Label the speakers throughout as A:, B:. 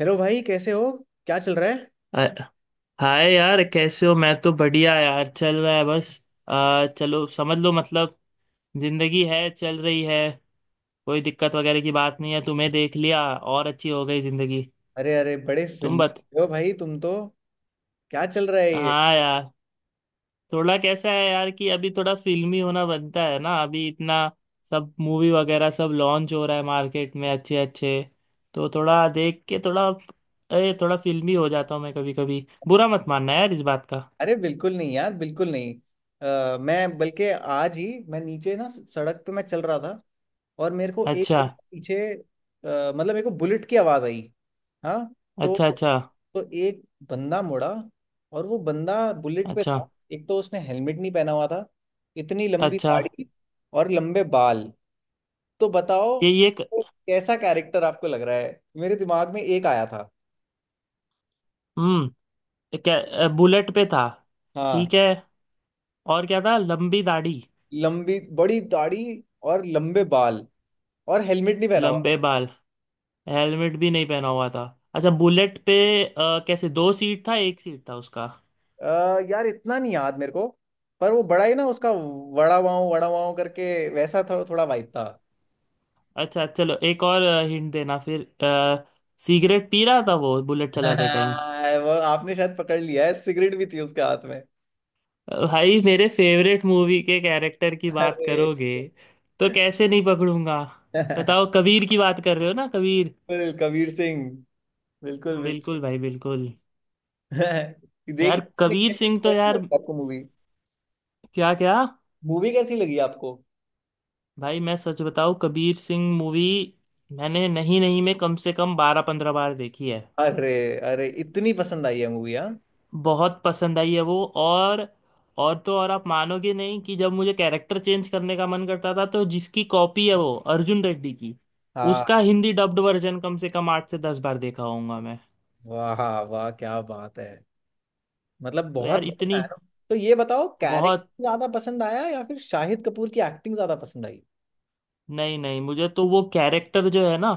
A: Hello भाई, कैसे हो? क्या चल रहा है?
B: अ- हाय यार, कैसे हो? मैं तो बढ़िया यार, चल रहा है बस। चलो समझ लो मतलब, जिंदगी है, चल रही है। कोई दिक्कत वगैरह की बात नहीं है। तुम्हें देख लिया और अच्छी हो गई जिंदगी।
A: अरे अरे, बड़े
B: तुम
A: फिल्म
B: बत
A: हो भाई। तुम तो क्या चल रहा है ये?
B: हाँ यार, थोड़ा कैसा है यार कि अभी थोड़ा फिल्मी होना बनता है ना। अभी इतना सब मूवी वगैरह सब लॉन्च हो रहा है मार्केट में, अच्छे अच्छे। तो थोड़ा देख के थोड़ा, अरे थोड़ा फिल्मी हो जाता हूँ मैं कभी कभी। बुरा मत मानना यार इस बात का।
A: अरे बिल्कुल नहीं यार, बिल्कुल नहीं। मैं बल्कि आज ही, मैं नीचे ना सड़क पे मैं चल रहा था। और मेरे को एक
B: अच्छा।
A: कदम पीछे मतलब मेरे को बुलेट की आवाज़ आई। हाँ। तो
B: अच्छा। अच्छा।
A: तो एक बंदा मुड़ा, और वो बंदा बुलेट पे
B: अच्छा।
A: था। एक तो उसने हेलमेट नहीं पहना हुआ था, इतनी लंबी
B: अच्छा।
A: दाढ़ी और लंबे बाल। तो बताओ
B: ये
A: कैसा कैरेक्टर आपको लग रहा है? मेरे दिमाग में एक आया था।
B: हम्म। क्या बुलेट पे था?
A: हाँ,
B: ठीक है। और क्या था, लंबी दाढ़ी?
A: लंबी बड़ी दाढ़ी और लंबे बाल और हेलमेट नहीं पहना हुआ
B: लंबे बाल। हेलमेट भी नहीं पहना हुआ था। अच्छा, बुलेट पे। कैसे, दो सीट था एक सीट था उसका?
A: था। यार इतना नहीं याद मेरे को। पर वो बड़ा ही ना, उसका वड़ा पाव करके वैसा थोड़ा वाइब था।
B: अच्छा, चलो एक और हिंट देना फिर। सिगरेट पी रहा था वो बुलेट चलाते टाइम?
A: हाँ, वो आपने शायद पकड़ लिया है, सिगरेट भी थी उसके हाथ में।
B: भाई मेरे फेवरेट मूवी के कैरेक्टर की बात
A: अरे
B: करोगे, तो कैसे नहीं पकड़ूंगा? बताओ, कबीर की बात कर रहे हो ना? कबीर।
A: बिल्कुल कबीर सिंह, बिल्कुल
B: हाँ, बिल्कुल
A: बिल्कुल।
B: भाई, बिल्कुल।
A: देखिए
B: यार
A: आपने,
B: कबीर
A: कैसे
B: सिंह तो
A: कैसी
B: यार,
A: लगी आपको मूवी?
B: क्या क्या।
A: मूवी कैसी लगी आपको?
B: भाई मैं सच बताऊं, कबीर सिंह मूवी मैंने नहीं नहीं में कम से कम 12 15 बार देखी है।
A: अरे अरे, इतनी पसंद आई है मूवी? हाँ
B: बहुत पसंद आई है वो। और तो और, आप मानोगे नहीं कि जब मुझे कैरेक्टर चेंज करने का मन करता था, तो जिसकी कॉपी है वो अर्जुन रेड्डी की,
A: हाँ।
B: उसका हिंदी डब्ड वर्जन कम से कम 8 से 10 बार देखा होऊंगा मैं।
A: वाह। हाँ, वाह क्या बात है। मतलब
B: तो
A: बहुत
B: यार
A: बढ़िया
B: इतनी
A: है ना। तो ये बताओ
B: बहुत,
A: कैरेक्टर ज्यादा पसंद आया या फिर शाहिद कपूर की एक्टिंग ज्यादा पसंद आई?
B: नहीं नहीं मुझे तो वो कैरेक्टर जो है ना,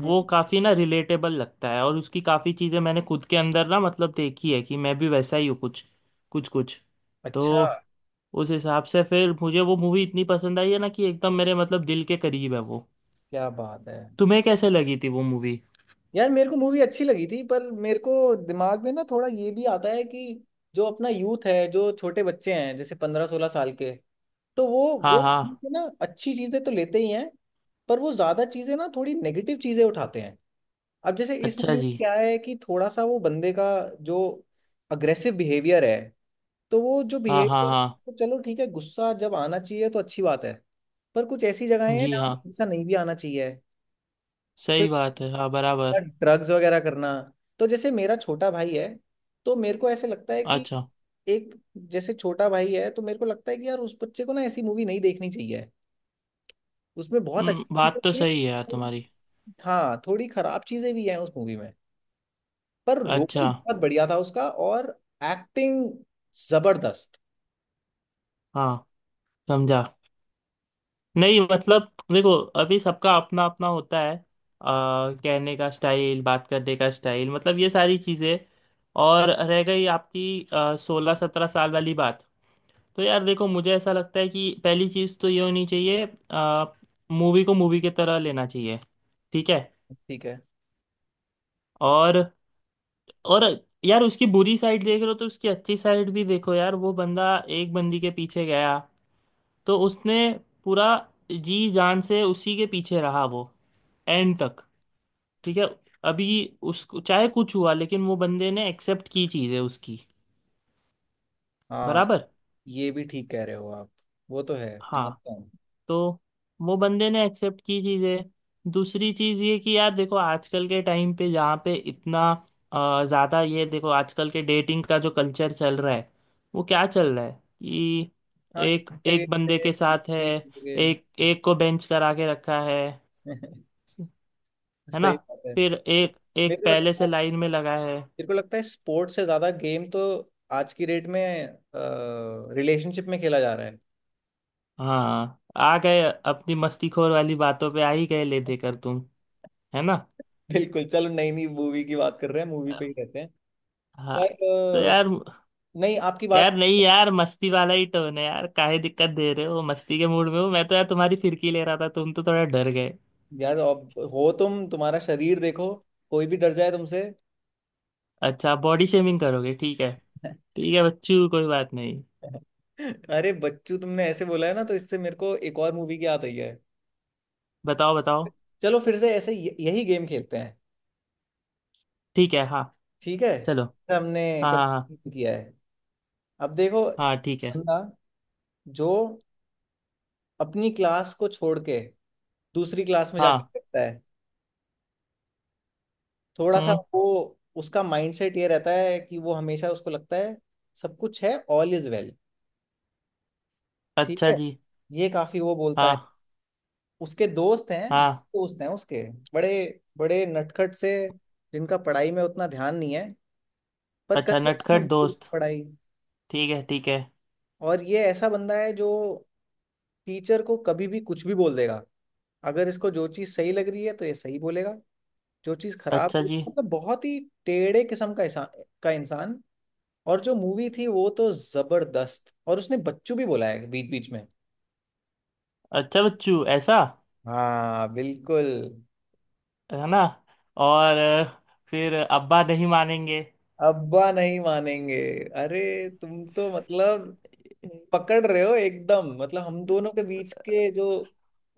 A: हम्म।
B: वो काफी ना रिलेटेबल लगता है। और उसकी काफी चीजें मैंने खुद के अंदर ना, मतलब देखी है कि मैं भी वैसा ही हूँ, कुछ कुछ कुछ। तो
A: अच्छा।
B: उस हिसाब से फिर मुझे वो मूवी इतनी पसंद आई है ना कि एकदम मेरे मतलब दिल के करीब है वो।
A: क्या बात है।
B: तुम्हें कैसे लगी थी वो मूवी?
A: यार मेरे को मूवी अच्छी लगी थी, पर मेरे को दिमाग में ना थोड़ा ये भी आता है कि जो अपना यूथ है, जो छोटे बच्चे हैं, जैसे 15-16 साल के, तो
B: हाँ
A: वो
B: हाँ।
A: ना अच्छी चीजें तो लेते ही हैं, पर वो ज्यादा चीजें ना, थोड़ी नेगेटिव चीजें उठाते हैं। अब जैसे इस
B: अच्छा
A: मूवी में
B: जी।
A: क्या है कि थोड़ा सा वो बंदे का जो अग्रेसिव बिहेवियर है, तो वो जो
B: हाँ हाँ
A: बिहेवियर,
B: हाँ।
A: तो चलो ठीक है, गुस्सा जब आना चाहिए तो अच्छी बात है। पर कुछ ऐसी जगहें हैं
B: जी
A: जहाँ
B: हाँ।
A: पे गुस्सा नहीं भी आना चाहिए। फिर
B: सही बात है, हाँ बराबर।
A: ड्रग्स वगैरह करना। तो जैसे मेरा छोटा भाई है, तो मेरे को ऐसे लगता है कि
B: अच्छा।
A: एक, जैसे छोटा भाई है, तो मेरे को लगता है कि यार उस बच्चे को ना ऐसी मूवी नहीं देखनी चाहिए। उसमें बहुत अच्छी चीजें
B: बात तो
A: भी हैं।
B: सही है यार
A: थोड़ी सी-
B: तुम्हारी।
A: हाँ, थोड़ी खराब चीजें भी हैं उस मूवी में। पर रोल
B: अच्छा।
A: बहुत बढ़िया था उसका, और एक्टिंग जबरदस्त।
B: हाँ। समझा। नहीं मतलब देखो, अभी सबका अपना अपना होता है। कहने का स्टाइल, बात करने का स्टाइल, मतलब ये सारी चीज़ें। और रह गई आपकी 16 17 साल वाली बात, तो यार देखो, मुझे ऐसा लगता है कि पहली चीज़ तो ये होनी चाहिए, मूवी को मूवी की तरह लेना चाहिए। ठीक है।
A: ठीक है।
B: और और यार, उसकी बुरी साइड देख रहे हो तो उसकी अच्छी साइड भी देखो यार। वो बंदा एक बंदी के पीछे गया, तो उसने पूरा जी जान से उसी के पीछे रहा वो, एंड तक। ठीक है। अभी उसको चाहे कुछ हुआ, लेकिन वो बंदे ने एक्सेप्ट की चीज़ें उसकी।
A: हाँ,
B: बराबर।
A: ये भी ठीक कह रहे हो आप। वो तो है,
B: हाँ।
A: मानता हूँ।
B: तो वो बंदे ने एक्सेप्ट की चीज़ें। दूसरी चीज़ ये कि यार देखो, आजकल के टाइम पे जहाँ पे इतना ज़्यादा, ये देखो आजकल के डेटिंग का जो कल्चर चल रहा है, वो क्या चल रहा है कि
A: हाँ एक
B: एक
A: जगह
B: एक बंदे
A: से,
B: के साथ है,
A: एक जगह।
B: एक एक को बेंच करा के रखा है है ना?
A: सही बात है।
B: फिर एक एक
A: मेरे को
B: पहले
A: लगता
B: से
A: है
B: लाइन में लगा है।
A: मेरे को लगता है स्पोर्ट्स से ज्यादा गेम तो आज की डेट में रिलेशनशिप में खेला जा रहा है।
B: हाँ, आ गए अपनी मस्तीखोर वाली बातों पे आ ही गए ले देकर तुम। है ना?
A: बिल्कुल। चलो, नई नई मूवी की बात कर रहे हैं, मूवी पे ही रहते हैं।
B: हाँ। तो
A: पर
B: यार,
A: नहीं आपकी बात।
B: यार नहीं यार, मस्ती वाला ही टोन है यार, काहे दिक्कत दे रहे हो? मस्ती के मूड में हो, मैं तो यार तुम्हारी फिरकी ले रहा था, तुम तो थोड़ा डर गए।
A: यार अब हो तुम, तुम्हारा शरीर देखो, कोई भी डर जाए तुमसे।
B: अच्छा, बॉडी शेमिंग करोगे? ठीक है, ठीक है बच्चू, कोई बात नहीं।
A: अरे बच्चू, तुमने ऐसे बोला है ना, तो इससे मेरे को एक और मूवी की याद आई है।
B: बताओ बताओ।
A: चलो फिर से ऐसे यही गेम खेलते हैं।
B: ठीक है, हाँ।
A: ठीक है,
B: चलो।
A: ऐसा हमने
B: हाँ हाँ हाँ।
A: कभी नहीं किया है। अब देखो,
B: हाँ ठीक है।
A: बंदा जो अपनी क्लास को छोड़ के दूसरी क्लास में जाके
B: हाँ।
A: बैठता है, थोड़ा सा
B: हम्म।
A: वो, उसका माइंडसेट ये रहता है कि वो हमेशा उसको लगता है सब कुछ है, ऑल इज वेल। ठीक
B: अच्छा
A: है।
B: जी।
A: ये काफी वो बोलता है।
B: हाँ।
A: उसके दोस्त हैं,
B: हाँ।
A: उसके बड़े बड़े नटखट से, जिनका पढ़ाई में उतना ध्यान नहीं है, पर कर
B: अच्छा,
A: लेता है
B: नटखट
A: मजबूरी में
B: दोस्त।
A: पढ़ाई।
B: ठीक है, ठीक है।
A: और ये ऐसा बंदा है जो टीचर को कभी भी कुछ भी बोल देगा। अगर इसको जो चीज़ सही लग रही है तो ये सही बोलेगा। जो चीज़ खराब लग
B: अच्छा
A: रही
B: जी।
A: है- मतलब बहुत ही टेढ़े किस्म का इंसान, का इंसान और जो मूवी थी वो तो जबरदस्त। और उसने बच्चू भी बोला है बीच बीच में।
B: अच्छा, बच्चू ऐसा?
A: हाँ बिल्कुल।
B: है ना? और फिर अब्बा नहीं मानेंगे?
A: अब्बा नहीं मानेंगे। अरे, तुम तो मतलब पकड़ रहे हो एकदम, मतलब हम दोनों के बीच के जो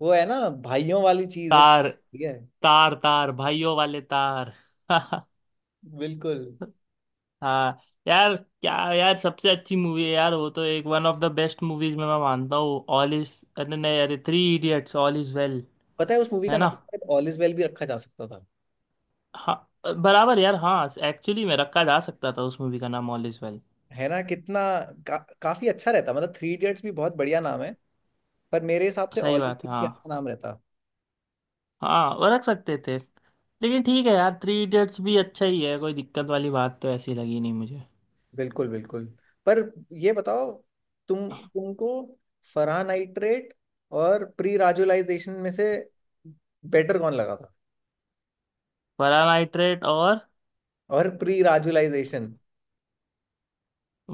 A: वो है ना, भाइयों वाली चीज, वो
B: तार,
A: ठीक है।
B: तार तार भाइयों वाले तार।
A: बिल्कुल।
B: हाँ। यार क्या यार, सबसे अच्छी मूवी है यार वो तो, एक one of the best movies में मैं मानता हूँ। ऑल इज, अरे नहीं, अरे Three Idiots, all is well.
A: पता है उस मूवी का
B: है ना?
A: नाम शायद ऑल इज वेल भी रखा जा सकता था।
B: हाँ। बराबर यार, हाँ एक्चुअली में रखा जा सकता था उस मूवी का नाम ऑल इज वेल।
A: है ना, कितना काफी अच्छा रहता। मतलब थ्री इडियट्स भी बहुत बढ़िया नाम है, पर मेरे हिसाब से
B: सही
A: ऑल इज
B: बात है,
A: वेल भी अच्छा
B: हाँ।
A: नाम रहता।
B: हाँ वो रख सकते थे, लेकिन ठीक है यार, थ्री इडियट्स भी अच्छा ही है, कोई दिक्कत वाली बात तो ऐसी लगी नहीं मुझे।
A: बिल्कुल बिल्कुल। पर ये बताओ, तुमको फरहान नाइट्रेट और प्री राजुलाइजेशन में से बेटर कौन लगा था?
B: परानाइट्रेट और,
A: और प्री राजुलाइजेशन।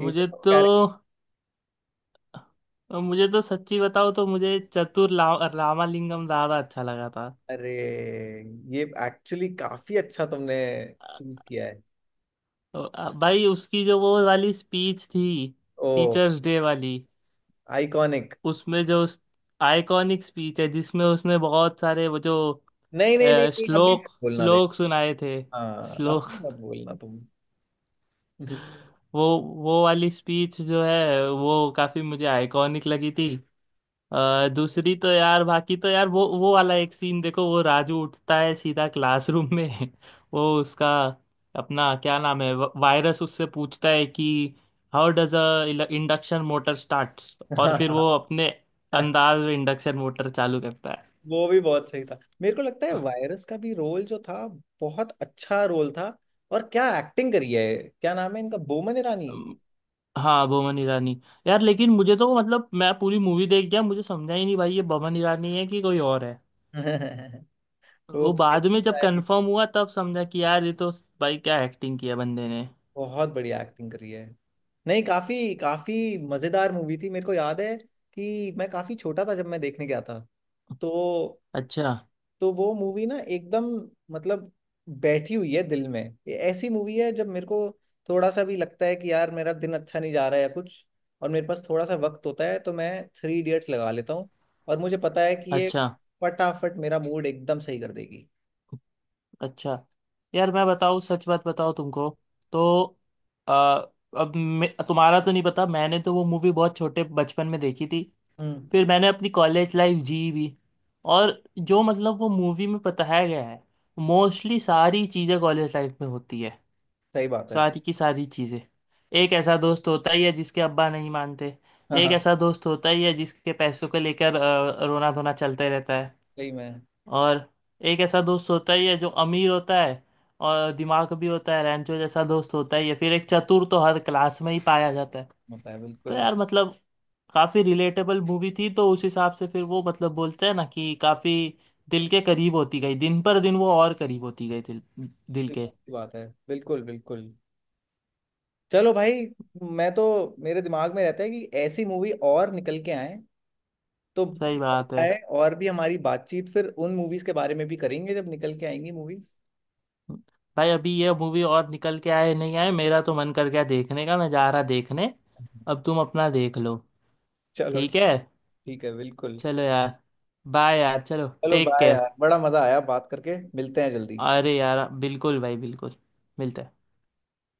A: ये जो तुम
B: तो
A: कह।
B: मुझे तो सच्ची बताओ तो, मुझे चतुर रामालिंगम ज्यादा अच्छा लगा था।
A: अरे, ये एक्चुअली काफी अच्छा तुमने चूज किया है।
B: तो, भाई उसकी जो वो वाली स्पीच थी,
A: ओ।
B: टीचर्स डे वाली,
A: आइकॉनिक।
B: उसमें जो आइकॉनिक स्पीच है जिसमें उसने बहुत सारे वो जो
A: नहीं नहीं नहीं नहीं, अभी
B: श्लोक,
A: मत बोलना, देख।
B: श्लोक सुनाए थे,
A: हाँ,
B: श्लोक,
A: अभी मत बोलना तुम।
B: वो वो वाली स्पीच जो है वो काफी मुझे आइकॉनिक लगी थी। दूसरी तो यार, बाकी तो यार वो वाला एक सीन देखो, वो राजू उठता है सीधा क्लासरूम में, वो उसका अपना क्या नाम है, वायरस उससे पूछता है कि how does a induction motor start, और फिर वो
A: हाँ,
B: अपने अंदाज में इंडक्शन मोटर चालू करता है।
A: वो भी बहुत सही था। मेरे को लगता है वायरस का भी रोल जो था, बहुत अच्छा रोल था। और क्या एक्टिंग करी है, क्या नाम है इनका, बोमन ईरानी।
B: अम, हाँ, बोमन ईरानी। यार लेकिन मुझे तो मतलब मैं पूरी मूवी देख गया, मुझे समझा ही नहीं भाई ये बोमन ईरानी है कि कोई और है। वो
A: वो
B: बाद में जब कंफर्म हुआ तब समझा कि यार ये तो, भाई क्या एक्टिंग किया बंदे ने।
A: बहुत बढ़िया एक्टिंग करी है। नहीं, काफी काफी मजेदार मूवी थी। मेरे को याद है कि मैं काफी छोटा था जब मैं देखने गया था। तो
B: अच्छा।
A: तो वो मूवी ना एकदम, मतलब, बैठी हुई है दिल में। ये ऐसी मूवी है जब मेरे को थोड़ा सा भी लगता है कि यार मेरा दिन अच्छा नहीं जा रहा है या कुछ, और मेरे पास थोड़ा सा वक्त होता है, तो मैं थ्री इडियट्स लगा लेता हूँ। और मुझे पता है कि ये
B: अच्छा।
A: फटाफट मेरा मूड एकदम सही कर देगी।
B: अच्छा। यार मैं बताऊँ सच बात बताऊँ तुमको, तो अ, अब मैं तुम्हारा तो नहीं पता, मैंने तो वो मूवी बहुत छोटे बचपन में देखी थी,
A: हम्म।
B: फिर मैंने अपनी कॉलेज लाइफ जी भी, और जो मतलब वो मूवी में बताया गया है, मोस्टली सारी चीज़ें कॉलेज लाइफ में होती है,
A: सही बात है।
B: सारी की सारी चीजें। एक ऐसा दोस्त होता ही है जिसके अब्बा नहीं मानते।
A: हाँ
B: एक
A: हाँ।
B: ऐसा दोस्त होता ही है जिसके पैसों को लेकर रोना धोना चलते रहता है।
A: सही में।
B: और एक ऐसा दोस्त होता ही है जो अमीर होता है और दिमाग भी होता है, रैंचो जैसा दोस्त होता ही है। फिर एक चतुर तो हर क्लास में ही पाया जाता है।
A: होता है
B: तो
A: बिल्कुल।
B: यार मतलब काफी रिलेटेबल मूवी थी, तो उस हिसाब से फिर वो मतलब बोलते हैं ना कि काफी दिल के करीब होती गई, दिन पर दिन वो और करीब होती गई दिल, दिल
A: बिल्कुल
B: के।
A: सही बात है, बिल्कुल बिल्कुल। चलो भाई, मैं तो, मेरे दिमाग में रहता है कि ऐसी मूवी और निकल के आए तो
B: सही बात
A: मजा
B: है।
A: आए, और भी हमारी बातचीत फिर उन मूवीज के बारे में भी करेंगे जब निकल के आएंगी मूवीज।
B: भाई अभी ये मूवी और निकल के आए नहीं आए, मेरा तो मन कर गया देखने का, मैं जा रहा देखने। अब तुम अपना देख लो।
A: चलो
B: ठीक है।
A: ठीक है, बिल्कुल।
B: चलो यार, बाय यार, चलो
A: चलो
B: टेक
A: बाय
B: केयर।
A: यार, बड़ा मजा आया बात करके, मिलते हैं जल्दी।
B: अरे यार बिल्कुल भाई, बिल्कुल। मिलते हैं।